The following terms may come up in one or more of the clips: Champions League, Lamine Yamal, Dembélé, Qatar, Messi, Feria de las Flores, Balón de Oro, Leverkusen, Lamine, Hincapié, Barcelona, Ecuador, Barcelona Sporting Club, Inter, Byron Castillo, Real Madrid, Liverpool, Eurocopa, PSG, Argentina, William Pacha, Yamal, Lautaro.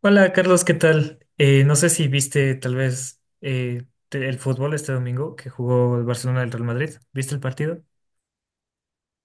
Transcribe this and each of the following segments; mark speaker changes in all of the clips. Speaker 1: Hola Carlos, ¿qué tal? No sé si viste tal vez el fútbol este domingo que jugó el Barcelona del Real Madrid. ¿Viste el partido?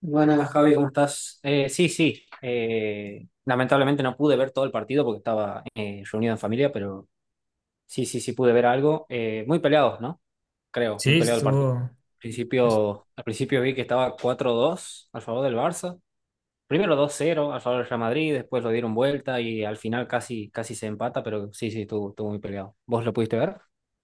Speaker 2: Buenas, Javi, ¿cómo estás? Sí, sí. Lamentablemente no pude ver todo el partido porque estaba reunido en familia, pero sí, sí, sí pude ver algo. Muy peleados, ¿no? Creo, muy
Speaker 1: Sí,
Speaker 2: peleado el partido.
Speaker 1: estuvo.
Speaker 2: Al principio, vi que estaba 4-2 al favor del Barça. Primero 2-0 al favor del Real Madrid, después lo dieron vuelta y al final casi, casi se empata, pero sí, sí, estuvo muy peleado. ¿Vos lo pudiste ver?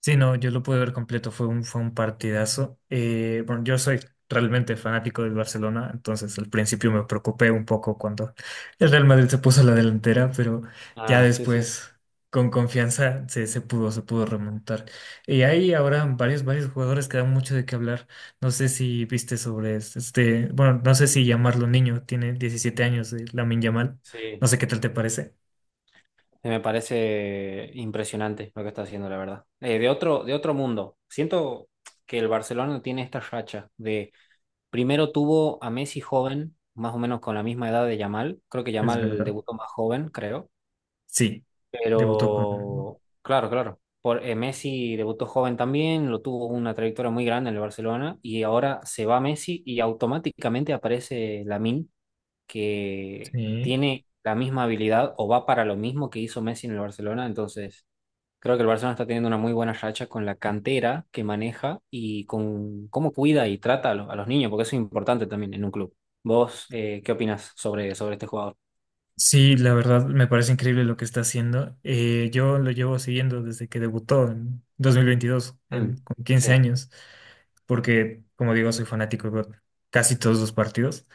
Speaker 1: Sí, no, yo lo pude ver completo, fue un partidazo. Bueno, yo soy realmente fanático del Barcelona, entonces al principio me preocupé un poco cuando el Real Madrid se puso a la delantera, pero ya
Speaker 2: Ah, sí, sí.
Speaker 1: después con confianza se pudo remontar. Y hay ahora varios jugadores que dan mucho de qué hablar. No sé si viste sobre bueno, no sé si llamarlo niño, tiene 17 años, la Lamine Yamal.
Speaker 2: Sí.
Speaker 1: No sé qué tal te parece,
Speaker 2: Me parece impresionante lo que está haciendo, la verdad. De otro mundo. Siento que el Barcelona tiene esta racha de primero tuvo a Messi joven, más o menos con la misma edad de Yamal. Creo que
Speaker 1: es
Speaker 2: Yamal
Speaker 1: verdad.
Speaker 2: debutó más joven, creo.
Speaker 1: Sí, debutó con...
Speaker 2: Pero claro, claro. Messi debutó joven también, lo tuvo una trayectoria muy grande en el Barcelona y ahora se va Messi y automáticamente aparece Lamine, que
Speaker 1: sí.
Speaker 2: tiene la misma habilidad o va para lo mismo que hizo Messi en el Barcelona, entonces, creo que el Barcelona está teniendo una muy buena racha con la cantera que maneja y con cómo cuida y trata a los niños, porque eso es importante también en un club. ¿Vos qué opinas sobre, este jugador?
Speaker 1: Sí, la verdad me parece increíble lo que está haciendo. Yo lo llevo siguiendo desde que debutó en 2022,
Speaker 2: Mm,
Speaker 1: con 15
Speaker 2: sí,
Speaker 1: años, porque, como digo, soy fanático de casi todos los partidos.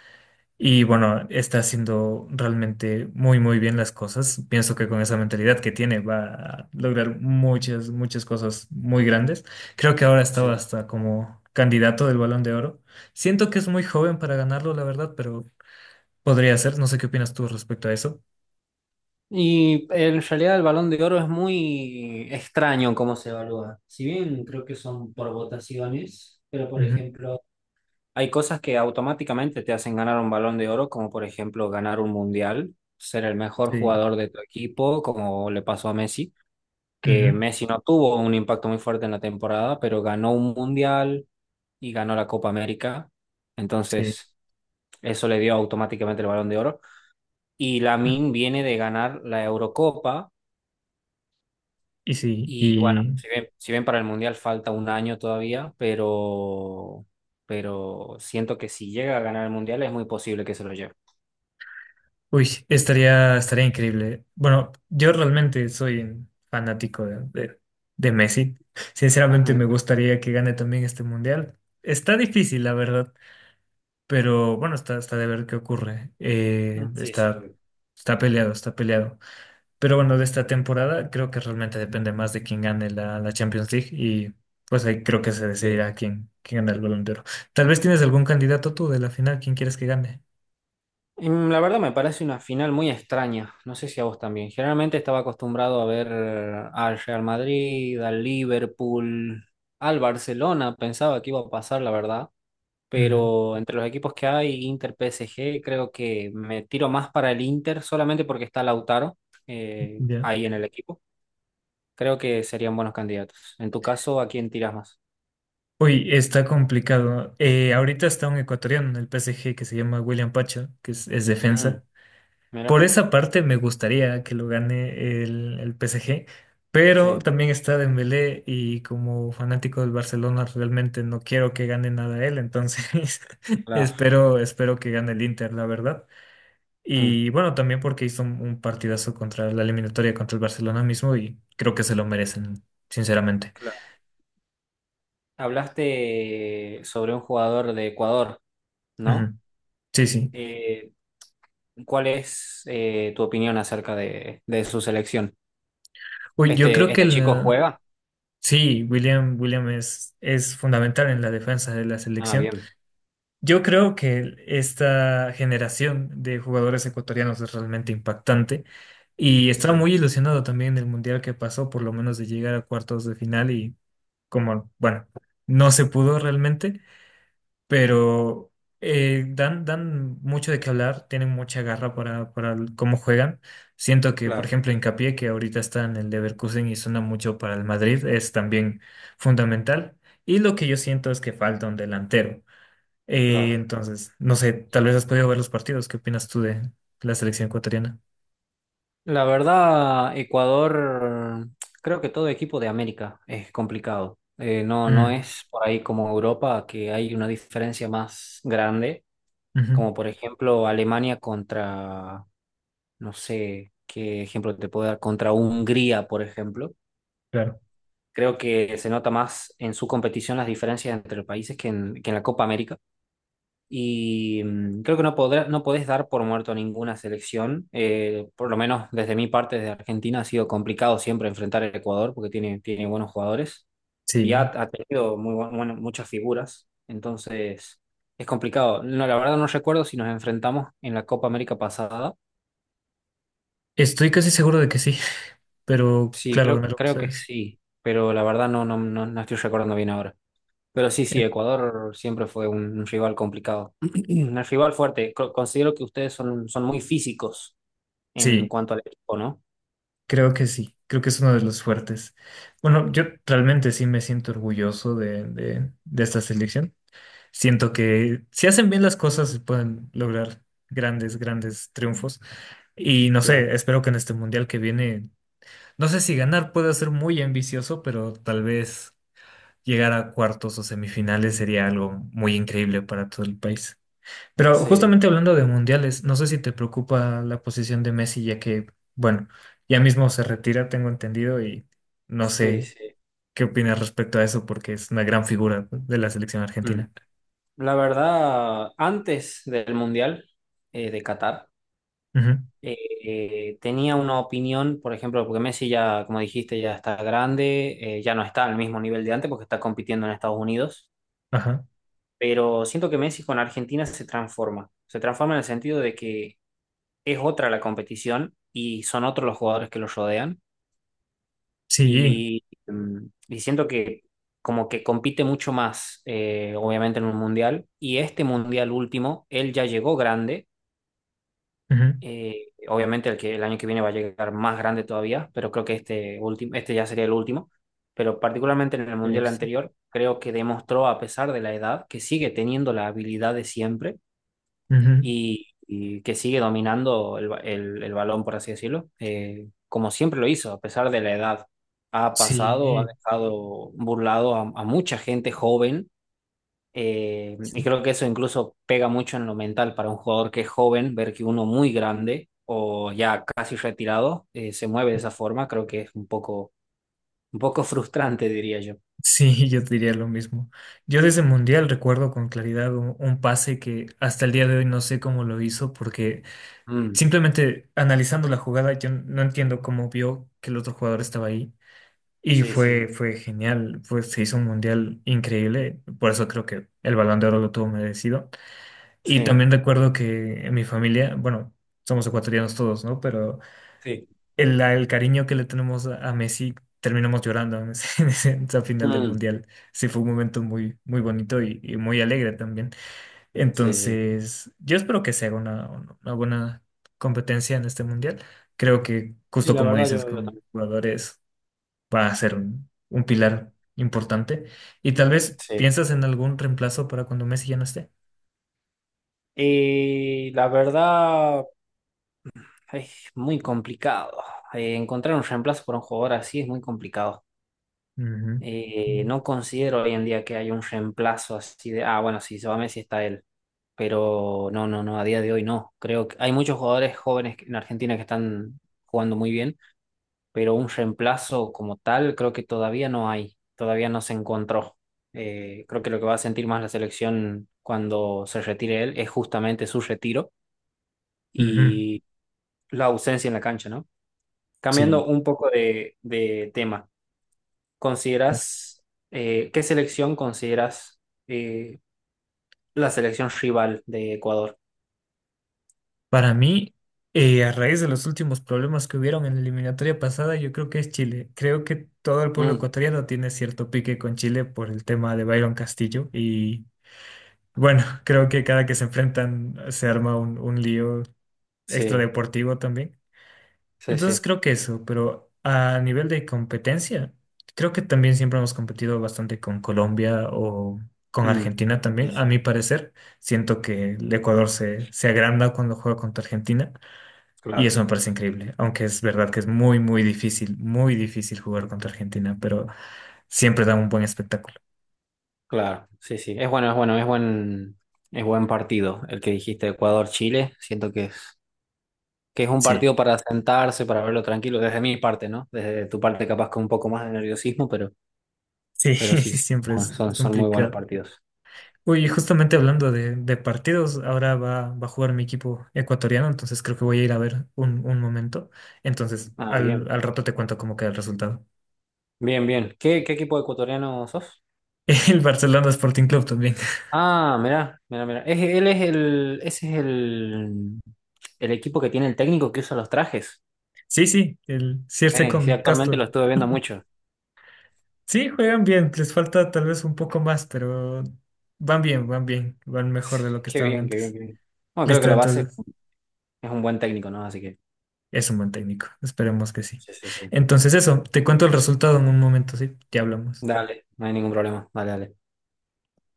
Speaker 1: Y bueno, está haciendo realmente muy, muy bien las cosas. Pienso que con esa mentalidad que tiene va a lograr muchas, muchas cosas muy grandes. Creo que ahora estaba
Speaker 2: sí.
Speaker 1: hasta como candidato del Balón de Oro. Siento que es muy joven para ganarlo, la verdad, pero podría ser. No sé qué opinas tú respecto a eso.
Speaker 2: Y en realidad el Balón de Oro es muy extraño cómo se evalúa. Si bien creo que son por votaciones, pero por ejemplo, hay cosas que automáticamente te hacen ganar un Balón de Oro, como por ejemplo ganar un mundial, ser el mejor
Speaker 1: Sí,
Speaker 2: jugador de tu equipo, como le pasó a Messi, que
Speaker 1: ujú,
Speaker 2: Messi no tuvo un impacto muy fuerte en la temporada, pero ganó un mundial y ganó la Copa América.
Speaker 1: sí,
Speaker 2: Entonces, eso le dio automáticamente el Balón de Oro. Y
Speaker 1: mm,
Speaker 2: Lamine viene de ganar la Eurocopa.
Speaker 1: y sí,
Speaker 2: Y bueno,
Speaker 1: y
Speaker 2: si bien para el mundial falta un año todavía, pero siento que si llega a ganar el mundial es muy posible que se lo lleve.
Speaker 1: uy, estaría increíble. Bueno, yo realmente soy un fanático de Messi. Sinceramente
Speaker 2: Ujú.
Speaker 1: me gustaría que gane también este mundial. Está difícil, la verdad, pero bueno, está de ver qué ocurre.
Speaker 2: Sí, sí,
Speaker 1: Está,
Speaker 2: obvio.
Speaker 1: está peleado, está peleado. Pero bueno, de esta temporada creo que realmente depende más de quién gane la Champions League y pues ahí creo que se
Speaker 2: Sí.
Speaker 1: decidirá quién gana el Balón de Oro. Tal vez tienes algún candidato tú de la final, ¿quién quieres que gane?
Speaker 2: La verdad me parece una final muy extraña, no sé si a vos también. Generalmente estaba acostumbrado a ver al Real Madrid, al Liverpool, al Barcelona, pensaba que iba a pasar, la verdad,
Speaker 1: Ujú,
Speaker 2: pero entre los equipos que hay, Inter, PSG, creo que me tiro más para el Inter solamente porque está Lautaro
Speaker 1: ya.
Speaker 2: ahí en el equipo. Creo que serían buenos candidatos. En tu caso, ¿a quién tiras más?
Speaker 1: Uy, está complicado. Ahorita está un ecuatoriano en el PSG que se llama William Pacha que es
Speaker 2: Mm,
Speaker 1: defensa.
Speaker 2: mira,
Speaker 1: Por esa parte me gustaría que lo gane el PSG, pero
Speaker 2: sí,
Speaker 1: también está Dembélé y como fanático del Barcelona realmente no quiero que gane nada él, entonces
Speaker 2: claro.
Speaker 1: espero que gane el Inter, la verdad.
Speaker 2: Mm,
Speaker 1: Y bueno, también porque hizo un partidazo contra la eliminatoria contra el Barcelona mismo y creo que se lo merecen, sinceramente.
Speaker 2: claro. Hablaste sobre un jugador de Ecuador, ¿no?
Speaker 1: Ujú. Sí, sí.
Speaker 2: Eh, ¿Cuál es tu opinión acerca de, su selección?
Speaker 1: Uy, yo
Speaker 2: ¿Este,
Speaker 1: creo que
Speaker 2: este chico juega?
Speaker 1: sí, William es fundamental en la defensa de la
Speaker 2: Ah,
Speaker 1: selección.
Speaker 2: bien,
Speaker 1: Yo creo que esta generación de jugadores ecuatorianos es realmente impactante y estaba
Speaker 2: sí,
Speaker 1: muy ilusionado también del mundial que pasó, por lo menos de llegar a cuartos de final y como, bueno, no se pudo realmente, pero dan mucho de qué hablar, tienen mucha garra para cómo juegan. Siento que, por
Speaker 2: claro,
Speaker 1: ejemplo, Hincapié, que ahorita está en el Leverkusen y suena mucho para el Madrid, es también fundamental. Y lo que yo siento es que falta un delantero.
Speaker 2: claro.
Speaker 1: Entonces, no sé, tal vez has podido ver los partidos. ¿Qué opinas tú de la selección ecuatoriana?
Speaker 2: La verdad, Ecuador, creo que todo equipo de América es complicado. No, no
Speaker 1: Mm,
Speaker 2: es por ahí como Europa que hay una diferencia más grande,
Speaker 1: ujú,
Speaker 2: como por ejemplo Alemania contra, no sé qué ejemplo te puedo dar, contra Hungría, por ejemplo.
Speaker 1: claro.
Speaker 2: Creo que se nota más en su competición las diferencias entre los países que en la Copa América. Y creo que no podés dar por muerto a ninguna selección. Por lo menos desde mi parte, desde Argentina, ha sido complicado siempre enfrentar a Ecuador porque tiene buenos jugadores y ha,
Speaker 1: Sí,
Speaker 2: ha tenido muy bueno, muchas figuras. Entonces, es complicado. No, la verdad no recuerdo si nos enfrentamos en la Copa América pasada.
Speaker 1: estoy casi seguro de que sí, pero
Speaker 2: Sí,
Speaker 1: claro,
Speaker 2: creo,
Speaker 1: ganaron
Speaker 2: creo que
Speaker 1: ustedes.
Speaker 2: sí, pero la verdad no, no, no, no estoy recordando bien ahora. Pero sí, sí,
Speaker 1: Eh,
Speaker 2: Ecuador siempre fue un rival complicado, un rival fuerte. Considero que ustedes son muy físicos en
Speaker 1: sí,
Speaker 2: cuanto al equipo, ¿no?
Speaker 1: creo que sí, creo que es uno de los fuertes. Bueno, yo realmente sí me siento orgulloso de esta selección. Siento que si hacen bien las cosas se pueden lograr grandes, grandes triunfos. Y no
Speaker 2: Claro.
Speaker 1: sé, espero que en este mundial que viene. No sé si ganar puede ser muy ambicioso, pero tal vez llegar a cuartos o semifinales sería algo muy increíble para todo el país. Pero
Speaker 2: Sí,
Speaker 1: justamente hablando de mundiales, no sé si te preocupa la posición de Messi, ya que, bueno, ya mismo se retira, tengo entendido, y no
Speaker 2: sí,
Speaker 1: sé
Speaker 2: sí.
Speaker 1: qué opinas respecto a eso, porque es una gran figura de la selección
Speaker 2: Mm.
Speaker 1: argentina.
Speaker 2: La verdad, antes del Mundial de Qatar,
Speaker 1: Ujú,
Speaker 2: eh, tenía una opinión, por ejemplo, porque Messi ya, como dijiste, ya está grande, ya no está al mismo nivel de antes porque está compitiendo en Estados Unidos,
Speaker 1: ajá.
Speaker 2: pero siento que Messi con Argentina se transforma. Se transforma en el sentido de que es otra la competición y son otros los jugadores que los rodean
Speaker 1: Sí.
Speaker 2: y, mm, y siento que como que compite mucho más, obviamente, en un mundial y este mundial último, él ya llegó grande.
Speaker 1: Ujú,
Speaker 2: Obviamente el año que viene va a llegar más grande todavía, pero creo que este último, este ya sería el último. Pero particularmente en el mundial
Speaker 1: ex-
Speaker 2: anterior, creo que demostró, a pesar de la edad, que sigue teniendo la habilidad de siempre
Speaker 1: ujú.
Speaker 2: y que sigue dominando el balón, por así decirlo, como siempre lo hizo, a pesar de la edad. Ha pasado, ha
Speaker 1: Sí,
Speaker 2: dejado burlado a, mucha gente joven,
Speaker 1: sí.
Speaker 2: y creo que eso incluso pega mucho en lo mental para un jugador que es joven, ver que uno muy grande o ya casi retirado se mueve de esa forma, creo que es un poco frustrante, diría yo.
Speaker 1: Sí, yo diría lo mismo. Yo desde Mundial recuerdo con claridad un pase que hasta el día de hoy no sé cómo lo hizo, porque
Speaker 2: Mm,
Speaker 1: simplemente analizando la jugada, yo no entiendo cómo vio que el otro jugador estaba ahí. Y
Speaker 2: sí, sí,
Speaker 1: fue genial, se hizo un Mundial increíble, por eso creo que el Balón de Oro lo tuvo merecido. Y
Speaker 2: sí,
Speaker 1: también recuerdo que en mi familia, bueno, somos ecuatorianos todos, ¿no? Pero
Speaker 2: sí.
Speaker 1: el cariño que le tenemos a Messi, terminamos llorando en en en esa final del
Speaker 2: Mm,
Speaker 1: Mundial. Sí, fue un momento muy, muy bonito y muy alegre también.
Speaker 2: sí, sí.
Speaker 1: Entonces, yo espero que sea una buena competencia en este Mundial. Creo que,
Speaker 2: Sí,
Speaker 1: justo
Speaker 2: la
Speaker 1: como
Speaker 2: verdad
Speaker 1: dices,
Speaker 2: yo
Speaker 1: con
Speaker 2: también.
Speaker 1: jugadores va a ser un pilar importante. Y tal vez
Speaker 2: Sí.
Speaker 1: piensas en algún reemplazo para cuando Messi ya no esté.
Speaker 2: Y la verdad es muy complicado. Encontrar un reemplazo por un jugador así es muy complicado.
Speaker 1: Ujú.
Speaker 2: No considero hoy en día que haya un reemplazo así de, bueno, si se va Messi está él. Pero no, no, no, a día de hoy no. Creo que hay muchos jugadores jóvenes en Argentina que están jugando muy bien, pero un reemplazo como tal creo que todavía no hay, todavía no se encontró. Creo que lo que va a sentir más la selección cuando se retire él es justamente su retiro,
Speaker 1: Ujú.
Speaker 2: la ausencia en la cancha, ¿no? Cambiando
Speaker 1: Sí.
Speaker 2: un poco de tema, ¿consideras, qué selección consideras eh, la selección rival de Ecuador?
Speaker 1: Para mí, a raíz de los últimos problemas que hubieron en la eliminatoria pasada, yo creo que es Chile. Creo que todo el pueblo
Speaker 2: Mm,
Speaker 1: ecuatoriano tiene cierto pique con Chile por el tema de Byron Castillo. Y bueno, creo que cada que se enfrentan se arma un lío
Speaker 2: sí,
Speaker 1: extradeportivo también.
Speaker 2: sí,
Speaker 1: Entonces
Speaker 2: sí.
Speaker 1: creo que eso, pero a nivel de competencia, creo que también siempre hemos competido bastante con Colombia o con
Speaker 2: Mm,
Speaker 1: Argentina
Speaker 2: sí,
Speaker 1: también, a mi
Speaker 2: sí,
Speaker 1: parecer. Siento que el Ecuador se agranda cuando juega contra Argentina. Y
Speaker 2: claro,
Speaker 1: eso me parece increíble, aunque es verdad que es muy, muy difícil jugar contra Argentina, pero siempre da un buen espectáculo.
Speaker 2: claro, sí, sí. Es buen partido el que dijiste, Ecuador-Chile. Siento que es, un
Speaker 1: Sí,
Speaker 2: partido para sentarse, para verlo tranquilo, desde mi parte, ¿no? Desde tu parte capaz con un poco más de nerviosismo, pero,
Speaker 1: sí,
Speaker 2: pero sí, sí,
Speaker 1: siempre es
Speaker 2: son muy buenos
Speaker 1: complicado.
Speaker 2: partidos.
Speaker 1: Uy, y justamente hablando de partidos, ahora va a jugar mi equipo ecuatoriano, entonces creo que voy a ir a ver un momento. Entonces,
Speaker 2: Ah,
Speaker 1: al,
Speaker 2: bien.
Speaker 1: al rato te cuento cómo queda el resultado.
Speaker 2: Bien, bien. ¿Qué equipo ecuatoriano sos?
Speaker 1: El Barcelona Sporting Club también.
Speaker 2: Ah, mirá, mirá, mirá. Es- él es el, ese es el equipo que tiene el técnico que usa los trajes.
Speaker 1: Sí, sí, el Circe
Speaker 2: Sí,
Speaker 1: con
Speaker 2: actualmente lo
Speaker 1: Castro.
Speaker 2: estuve viendo mucho.
Speaker 1: Sí, juegan bien, les falta tal vez un poco más, pero van bien, van bien, van mejor de lo que
Speaker 2: Qué
Speaker 1: estaban
Speaker 2: bien, qué bien,
Speaker 1: antes.
Speaker 2: qué bien. Bueno, creo que
Speaker 1: Listo,
Speaker 2: la base
Speaker 1: entonces
Speaker 2: es un buen técnico, ¿no? Así que,
Speaker 1: es un buen técnico, esperemos que sí.
Speaker 2: sí, sí, sí.
Speaker 1: Entonces eso, te cuento el resultado en un momento, sí, ya hablamos.
Speaker 2: Dale, no hay ningún problema. Dale, dale.